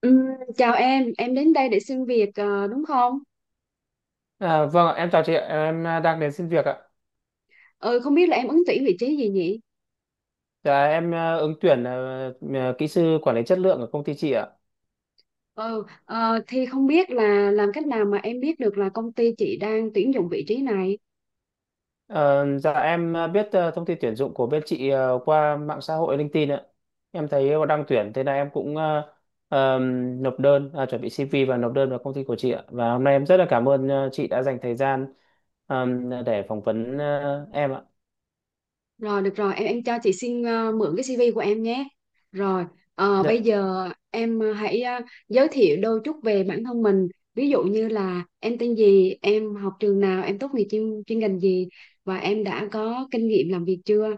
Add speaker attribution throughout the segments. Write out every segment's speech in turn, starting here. Speaker 1: Ừm, Chào em đến đây để xin việc, đúng không?
Speaker 2: À, vâng ạ, em chào chị ạ, em đang đến xin việc ạ.
Speaker 1: Ừ, không biết là em ứng tuyển vị trí gì nhỉ?
Speaker 2: Dạ em ứng tuyển kỹ sư quản lý chất lượng ở công ty chị ạ.
Speaker 1: Ừ, thì không biết là làm cách nào mà em biết được là công ty chị đang tuyển dụng vị trí này.
Speaker 2: Ờ, dạ em biết thông tin tuyển dụng của bên chị qua mạng xã hội LinkedIn ạ. Em thấy có đang tuyển thế là em cũng nộp đơn, chuẩn bị CV và nộp đơn vào công ty của chị ạ. Và hôm nay em rất là cảm ơn chị đã dành thời gian để phỏng vấn em ạ.
Speaker 1: Rồi, được rồi, em cho chị xin mượn cái CV của em nhé. Rồi, bây
Speaker 2: Dạ.
Speaker 1: giờ em hãy giới thiệu đôi chút về bản thân mình. Ví dụ như là em tên gì, em học trường nào, em tốt nghiệp chuyên ngành gì và em đã có kinh nghiệm làm việc chưa?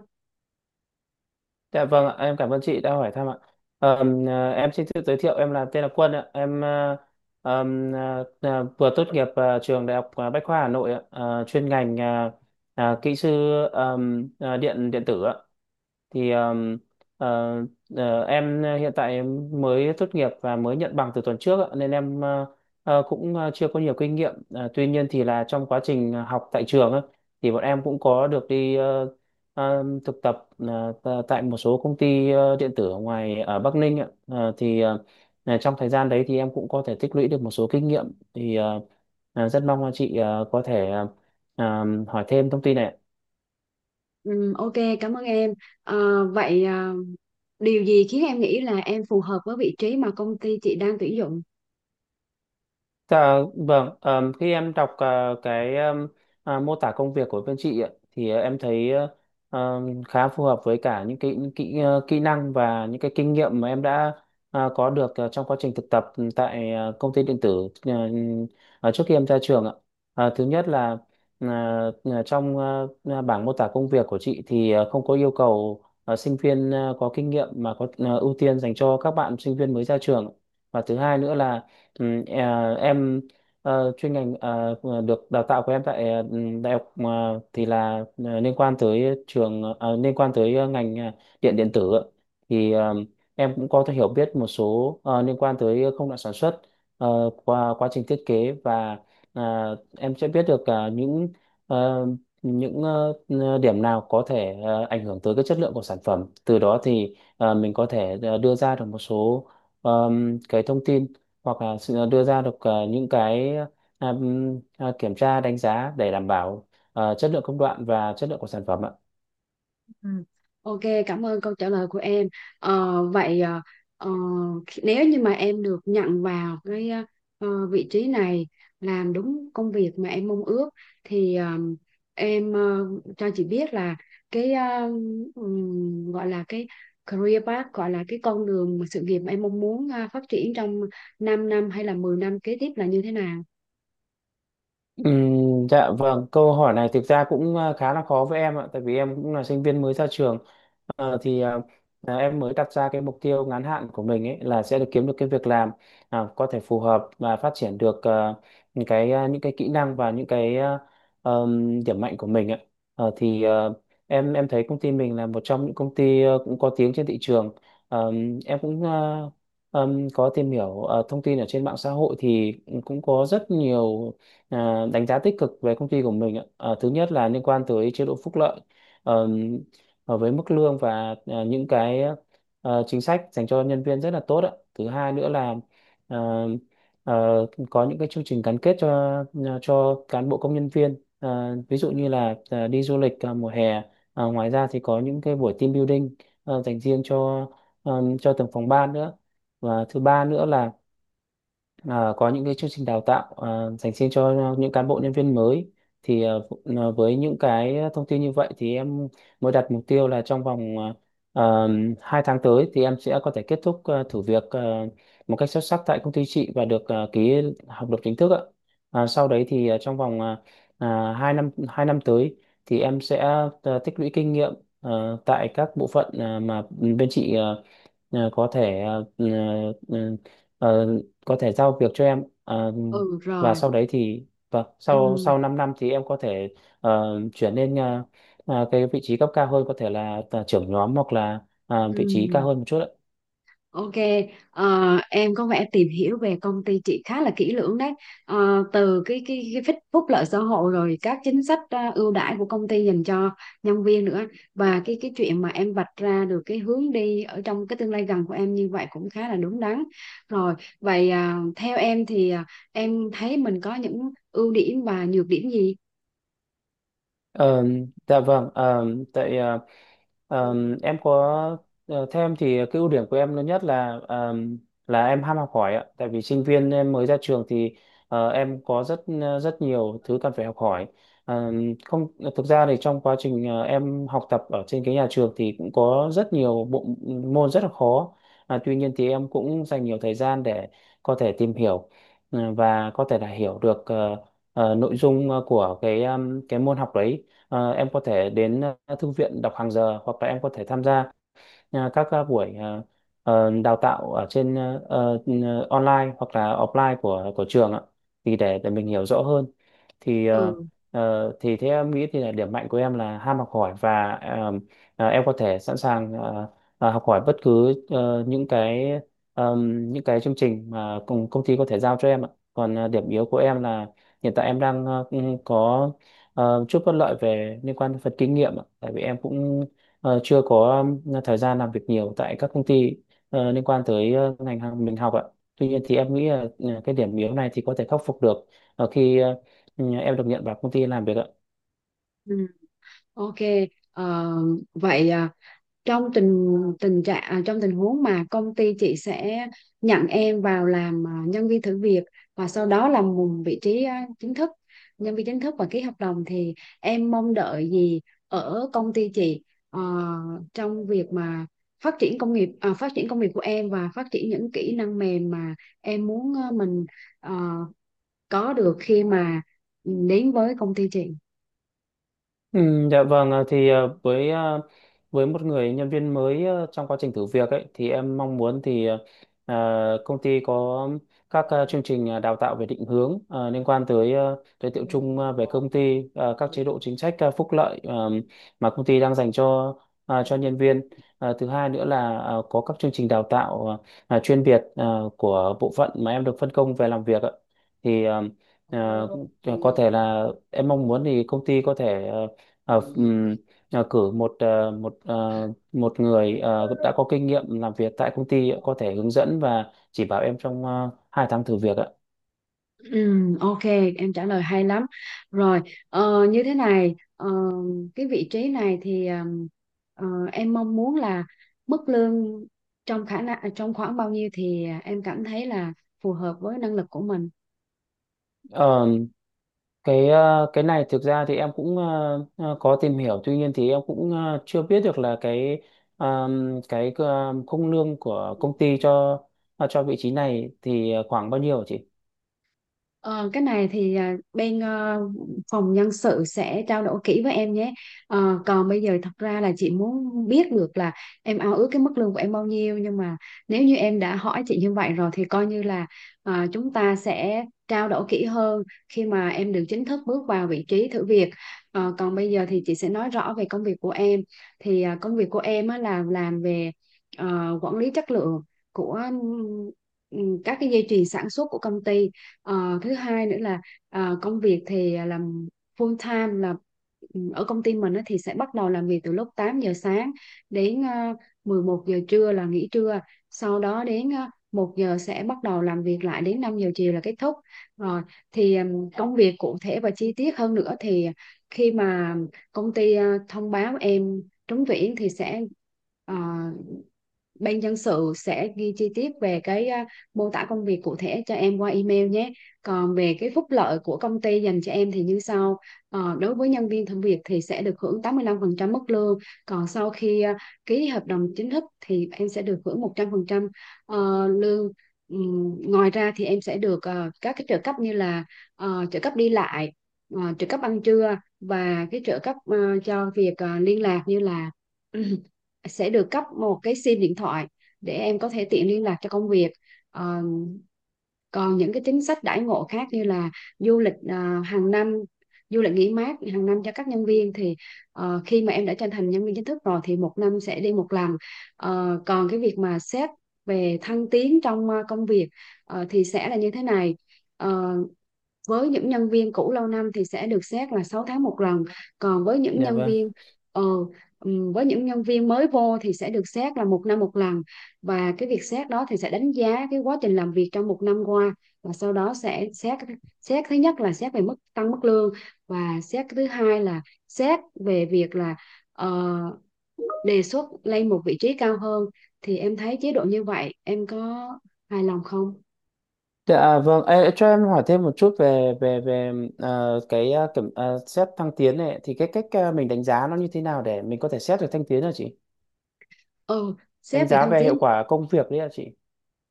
Speaker 2: Dạ vâng ạ, em cảm ơn chị đã hỏi thăm ạ. Em xin tự giới thiệu, em là tên là Quân ạ. Em vừa tốt nghiệp trường Đại học Bách khoa Hà Nội ạ. Chuyên ngành kỹ sư điện điện tử ạ. Thì ờ, em hiện tại em mới tốt nghiệp và mới nhận bằng từ tuần trước ạ, nên em cũng chưa có nhiều kinh nghiệm. Ờ, Tuy nhiên thì là trong quá trình học tại trường á, thì bọn em cũng có được đi thực tập tại một số công ty điện tử ở ngoài ở Bắc Ninh ạ. Là trong thời gian đấy thì em cũng có thể tích lũy được một số kinh nghiệm, thì rất mong là chị có thể hỏi thêm thông tin này ạ.
Speaker 1: Ok, cảm ơn em. Vậy điều gì khiến em nghĩ là em phù hợp với vị trí mà công ty chị đang tuyển dụng.
Speaker 2: Dạ, vâng, khi em đọc cái mô tả công việc của bên chị ạ, thì em thấy khá phù hợp với cả những cái kỹ năng và những cái kinh nghiệm mà em đã có được trong quá trình thực tập tại công ty điện tử trước khi em ra trường ạ. Thứ nhất là ờ, trong bảng mô tả công việc của chị thì không có yêu cầu sinh viên có kinh nghiệm mà có ưu tiên dành cho các bạn sinh viên mới ra trường. Và thứ hai nữa là em chuyên ngành được đào tạo của em tại đại học thì là liên quan tới trường liên quan tới ngành điện điện tử ạ. Thì em cũng có thể hiểu biết một số liên quan tới công đoạn sản xuất, qua quá trình thiết kế và em sẽ biết được những ờ, điểm nào có thể ảnh hưởng tới cái chất lượng của sản phẩm, từ đó thì mình có thể đưa ra được một số ờ, cái thông tin hoặc là sự đưa ra được những cái kiểm tra đánh giá để đảm bảo chất lượng công đoạn và chất lượng của sản phẩm ạ.
Speaker 1: Ừ. Ok, cảm ơn câu trả lời của em. Vậy ờ, nếu như mà em được nhận vào cái vị trí này làm đúng công việc mà em mong ước thì em cho chị biết là cái gọi là cái career path, gọi là cái con đường mà sự nghiệp mà em mong muốn phát triển trong 5 năm hay là 10 năm kế tiếp là như thế nào?
Speaker 2: Dạ vâng, câu hỏi này thực ra cũng khá là khó với em ạ, tại vì em cũng là sinh viên mới ra trường. Ờ, thì ờ, em mới đặt ra cái mục tiêu ngắn hạn của mình ấy là sẽ được kiếm được cái việc làm có thể phù hợp và phát triển được những cái những cái kỹ năng và những cái điểm mạnh của mình ạ. Ờ, thì ờ, em thấy công ty mình là một trong những công ty cũng có tiếng trên thị trường. Em cũng có tìm hiểu thông tin ở trên mạng xã hội thì cũng có rất nhiều đánh giá tích cực về công ty của mình ạ. Ờ, Thứ nhất là liên quan tới chế độ phúc lợi, Ờ, với mức lương và những cái chính sách dành cho nhân viên rất là tốt ạ. Thứ hai nữa là ờ, có những cái chương trình gắn kết cho cán bộ công nhân viên. Ờ, Ví dụ như là đi du lịch mùa hè. Ngoài ra thì có những cái buổi team building dành riêng cho từng phòng ban nữa. Và thứ ba nữa là có những cái chương trình đào tạo dành riêng cho những cán bộ nhân viên mới. Thì với những cái thông tin như vậy thì em mới đặt mục tiêu là trong vòng à, 2 tháng tới thì em sẽ có thể kết thúc thử việc một cách xuất sắc tại công ty chị và được ký hợp đồng chính thức ạ. Sau đấy thì trong vòng hai năm tới thì em sẽ tích lũy kinh nghiệm à, tại các bộ phận mà bên chị ờ, có thể ờ, ừ, ừ, ờ, có thể giao việc cho em. Ờ,
Speaker 1: Ừ
Speaker 2: và
Speaker 1: rồi.
Speaker 2: sau đấy thì vâng sau
Speaker 1: Ừ.
Speaker 2: sau 5 năm thì em có thể chuyển lên cái vị trí cấp cao hơn, có thể là trưởng nhóm hoặc là vị trí cao
Speaker 1: Ừm,
Speaker 2: hơn một chút ạ.
Speaker 1: ok. Ờ, em có vẻ tìm hiểu về công ty chị khá là kỹ lưỡng đấy. Từ cái phúc lợi xã hội rồi các chính sách ưu đãi của công ty dành cho nhân viên nữa và cái chuyện mà em vạch ra được cái hướng đi ở trong cái tương lai gần của em như vậy cũng khá là đúng đắn. Rồi, vậy theo em thì em thấy mình có những ưu điểm và nhược điểm gì?
Speaker 2: Ờ, dạ vâng, tại ờ, em có theo em thì cái ưu điểm của em lớn nhất là em ham học hỏi ạ. Tại vì sinh viên em mới ra trường thì em có rất nhiều thứ cần phải học hỏi. Ờ, Không, thực ra thì trong quá trình em học tập ở trên cái nhà trường thì cũng có rất nhiều bộ môn rất là khó. À, tuy nhiên thì em cũng dành nhiều thời gian để có thể tìm hiểu và có thể là hiểu được nội dung của cái môn học đấy. Em có thể đến thư viện đọc hàng giờ hoặc là em có thể tham gia các buổi đào tạo ở trên online hoặc là offline của trường ạ, thì để mình hiểu rõ hơn. thì ờ,
Speaker 1: Ừ.
Speaker 2: ờ, thì thế em nghĩ thì là điểm mạnh của em là ham học hỏi, và em có thể sẵn sàng học hỏi bất cứ những cái chương trình mà công công ty có thể giao cho em ạ. Còn điểm yếu của em là hiện tại em đang cũng có chút bất lợi về liên quan đến phần kinh nghiệm ạ. Tại vì em cũng chưa có thời gian làm việc nhiều tại các công ty liên quan tới ngành hàng mình học ạ. Tuy nhiên thì em nghĩ là cái điểm yếu này thì có thể khắc phục được ở khi em được nhận vào công ty làm việc ạ.
Speaker 1: Ừ, ok. Ờ, Vậy trong tình tình trạng à, trong tình huống mà công ty chị sẽ nhận em vào làm nhân viên thử việc và sau đó là một vị trí chính thức, nhân viên chính thức và ký hợp đồng thì em mong đợi gì ở công ty chị ờ, trong việc mà phát triển công việc của em và phát triển những kỹ năng mềm mà em muốn mình ờ, có được khi mà đến với công ty chị.
Speaker 2: Ừ, dạ vâng, với một người nhân viên mới trong quá trình thử việc ấy thì em mong muốn thì công ty có các chương trình đào tạo về định hướng, liên quan tới giới thiệu chung về công ty, các chế độ chính sách phúc lợi mà công ty đang dành cho nhân viên. Thứ hai nữa là có các chương trình đào tạo chuyên biệt của bộ phận mà em được phân công về làm việc ạ. Thì à, có thể là em mong muốn thì công ty có thể ờ, ừm, cử một người đã có kinh nghiệm làm việc tại công ty có thể hướng dẫn và chỉ bảo em trong 2 tháng thử việc ạ.
Speaker 1: Ok, em trả lời hay lắm. Rồi, như thế này, cái vị trí này thì ờ, em mong muốn là mức lương trong khả năng, trong khoảng bao nhiêu thì em cảm thấy là phù hợp với năng lực của mình.
Speaker 2: Ờ, cái này thực ra thì em cũng có tìm hiểu, tuy nhiên thì em cũng chưa biết được là ờ, cái khung lương của công ty cho vị trí này thì khoảng bao nhiêu hả chị?
Speaker 1: Ờ, cái này thì bên phòng nhân sự sẽ trao đổi kỹ với em nhé. Còn bây giờ thật ra là chị muốn biết được là em ao ước cái mức lương của em bao nhiêu, nhưng mà nếu như em đã hỏi chị như vậy rồi thì coi như là chúng ta sẽ trao đổi kỹ hơn khi mà em được chính thức bước vào vị trí thử việc. Còn bây giờ thì chị sẽ nói rõ về công việc của em. Thì công việc của em á, là làm về quản lý chất lượng của ừ, các cái dây chuyền sản xuất của công ty. Thứ hai nữa là công việc thì làm full time, là ở công ty mình á thì sẽ bắt đầu làm việc từ lúc 8 giờ sáng đến 11 giờ trưa là nghỉ trưa, sau đó đến 1 giờ sẽ bắt đầu làm việc lại đến 5 giờ chiều là kết thúc rồi. Thì công việc cụ thể và chi tiết hơn nữa thì khi mà công ty thông báo em trúng tuyển thì sẽ ờ, bên nhân sự sẽ ghi chi tiết về cái mô tả công việc cụ thể cho em qua email nhé. Còn về cái phúc lợi của công ty dành cho em thì như sau. Đối với nhân viên thử việc thì sẽ được hưởng 85% mức lương. Còn sau khi ký hợp đồng chính thức thì em sẽ được hưởng 100% lương. Ngoài ra thì em sẽ được các cái trợ cấp như là trợ cấp đi lại, trợ cấp ăn trưa và cái trợ cấp cho việc liên lạc, như là sẽ được cấp một cái sim điện thoại để em có thể tiện liên lạc cho công việc. Ờ, Còn những cái chính sách đãi ngộ khác như là du lịch à, hàng năm du lịch nghỉ mát hàng năm cho các nhân viên thì khi mà em đã trở thành nhân viên chính thức rồi thì một năm sẽ đi một lần. Còn cái việc mà xét về thăng tiến trong công việc thì sẽ là như thế này. Ờ, với những nhân viên cũ lâu năm thì sẽ được xét là 6 tháng một lần, còn
Speaker 2: Dạ vâng.
Speaker 1: ờ, với những nhân viên mới vô thì sẽ được xét là một năm một lần. Và cái việc xét đó thì sẽ đánh giá cái quá trình làm việc trong một năm qua và sau đó sẽ xét xét thứ nhất là xét về mức tăng mức lương và xét thứ hai là xét về việc là ờ, đề xuất lên một vị trí cao hơn. Thì em thấy chế độ như vậy em có hài lòng không?
Speaker 2: Dạ, vâng, Ê, cho em hỏi thêm một chút về về về cái xét thăng tiến này thì cái cách mình đánh giá nó như thế nào để mình có thể xét được thăng tiến hả chị?
Speaker 1: Ừ,
Speaker 2: Đánh
Speaker 1: xét về
Speaker 2: giá
Speaker 1: thăng
Speaker 2: về hiệu
Speaker 1: tiến.
Speaker 2: quả công việc đấy hả chị?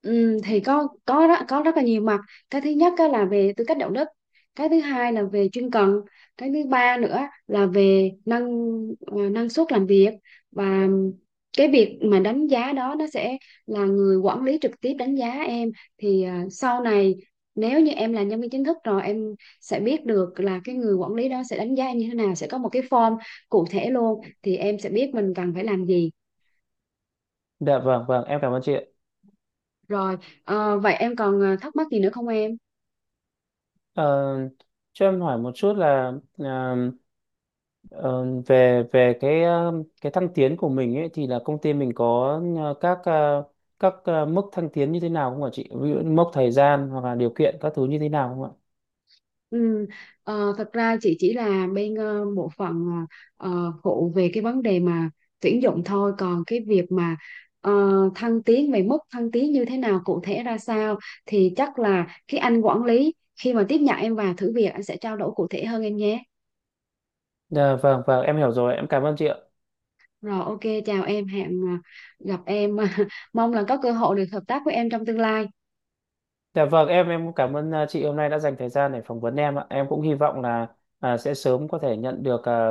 Speaker 1: Ừ, thì có rất là nhiều mặt. Cái thứ nhất á là về tư cách đạo đức, cái thứ hai là về chuyên cần, cái thứ ba nữa là về năng suất làm việc. Và cái việc mà đánh giá đó nó sẽ là người quản lý trực tiếp đánh giá em. Thì sau này nếu như em là nhân viên chính thức rồi, em sẽ biết được là cái người quản lý đó sẽ đánh giá em như thế nào, sẽ có một cái form cụ thể luôn thì em sẽ biết mình cần phải làm gì.
Speaker 2: Dạ vâng, vâng, em cảm ơn chị ạ.
Speaker 1: Rồi, vậy em còn thắc mắc gì nữa không em?
Speaker 2: Ờ, cho em hỏi một chút là ờ, ờ, về về cái thăng tiến của mình ấy thì là công ty mình có các mức thăng tiến như thế nào không ạ chị? Ví dụ như mốc thời gian hoặc là điều kiện các thứ như thế nào không ạ?
Speaker 1: Ừ, thật ra chị chỉ là bên bộ phận phụ về cái vấn đề mà tuyển dụng thôi, còn cái việc mà ờ, thăng tiến về mức thăng tiến như thế nào, cụ thể ra sao thì chắc là cái anh quản lý khi mà tiếp nhận em vào thử việc anh sẽ trao đổi cụ thể hơn em nhé.
Speaker 2: Dạ vâng, vâng, em hiểu rồi, em cảm ơn chị ạ.
Speaker 1: Rồi, ok, chào em, hẹn gặp em mong là có cơ hội được hợp tác với em trong tương lai.
Speaker 2: Dạ vâng, em cũng cảm ơn chị hôm nay đã dành thời gian để phỏng vấn em ạ. Em cũng hy vọng là sẽ sớm có thể nhận được à,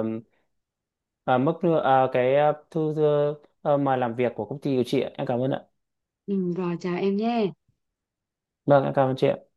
Speaker 2: à, mức lương- à, cái thư mời làm việc của công ty của chị ạ. Em cảm ơn ạ.
Speaker 1: Ừ, rồi chào em nhé.
Speaker 2: Vâng, em cảm ơn chị ạ.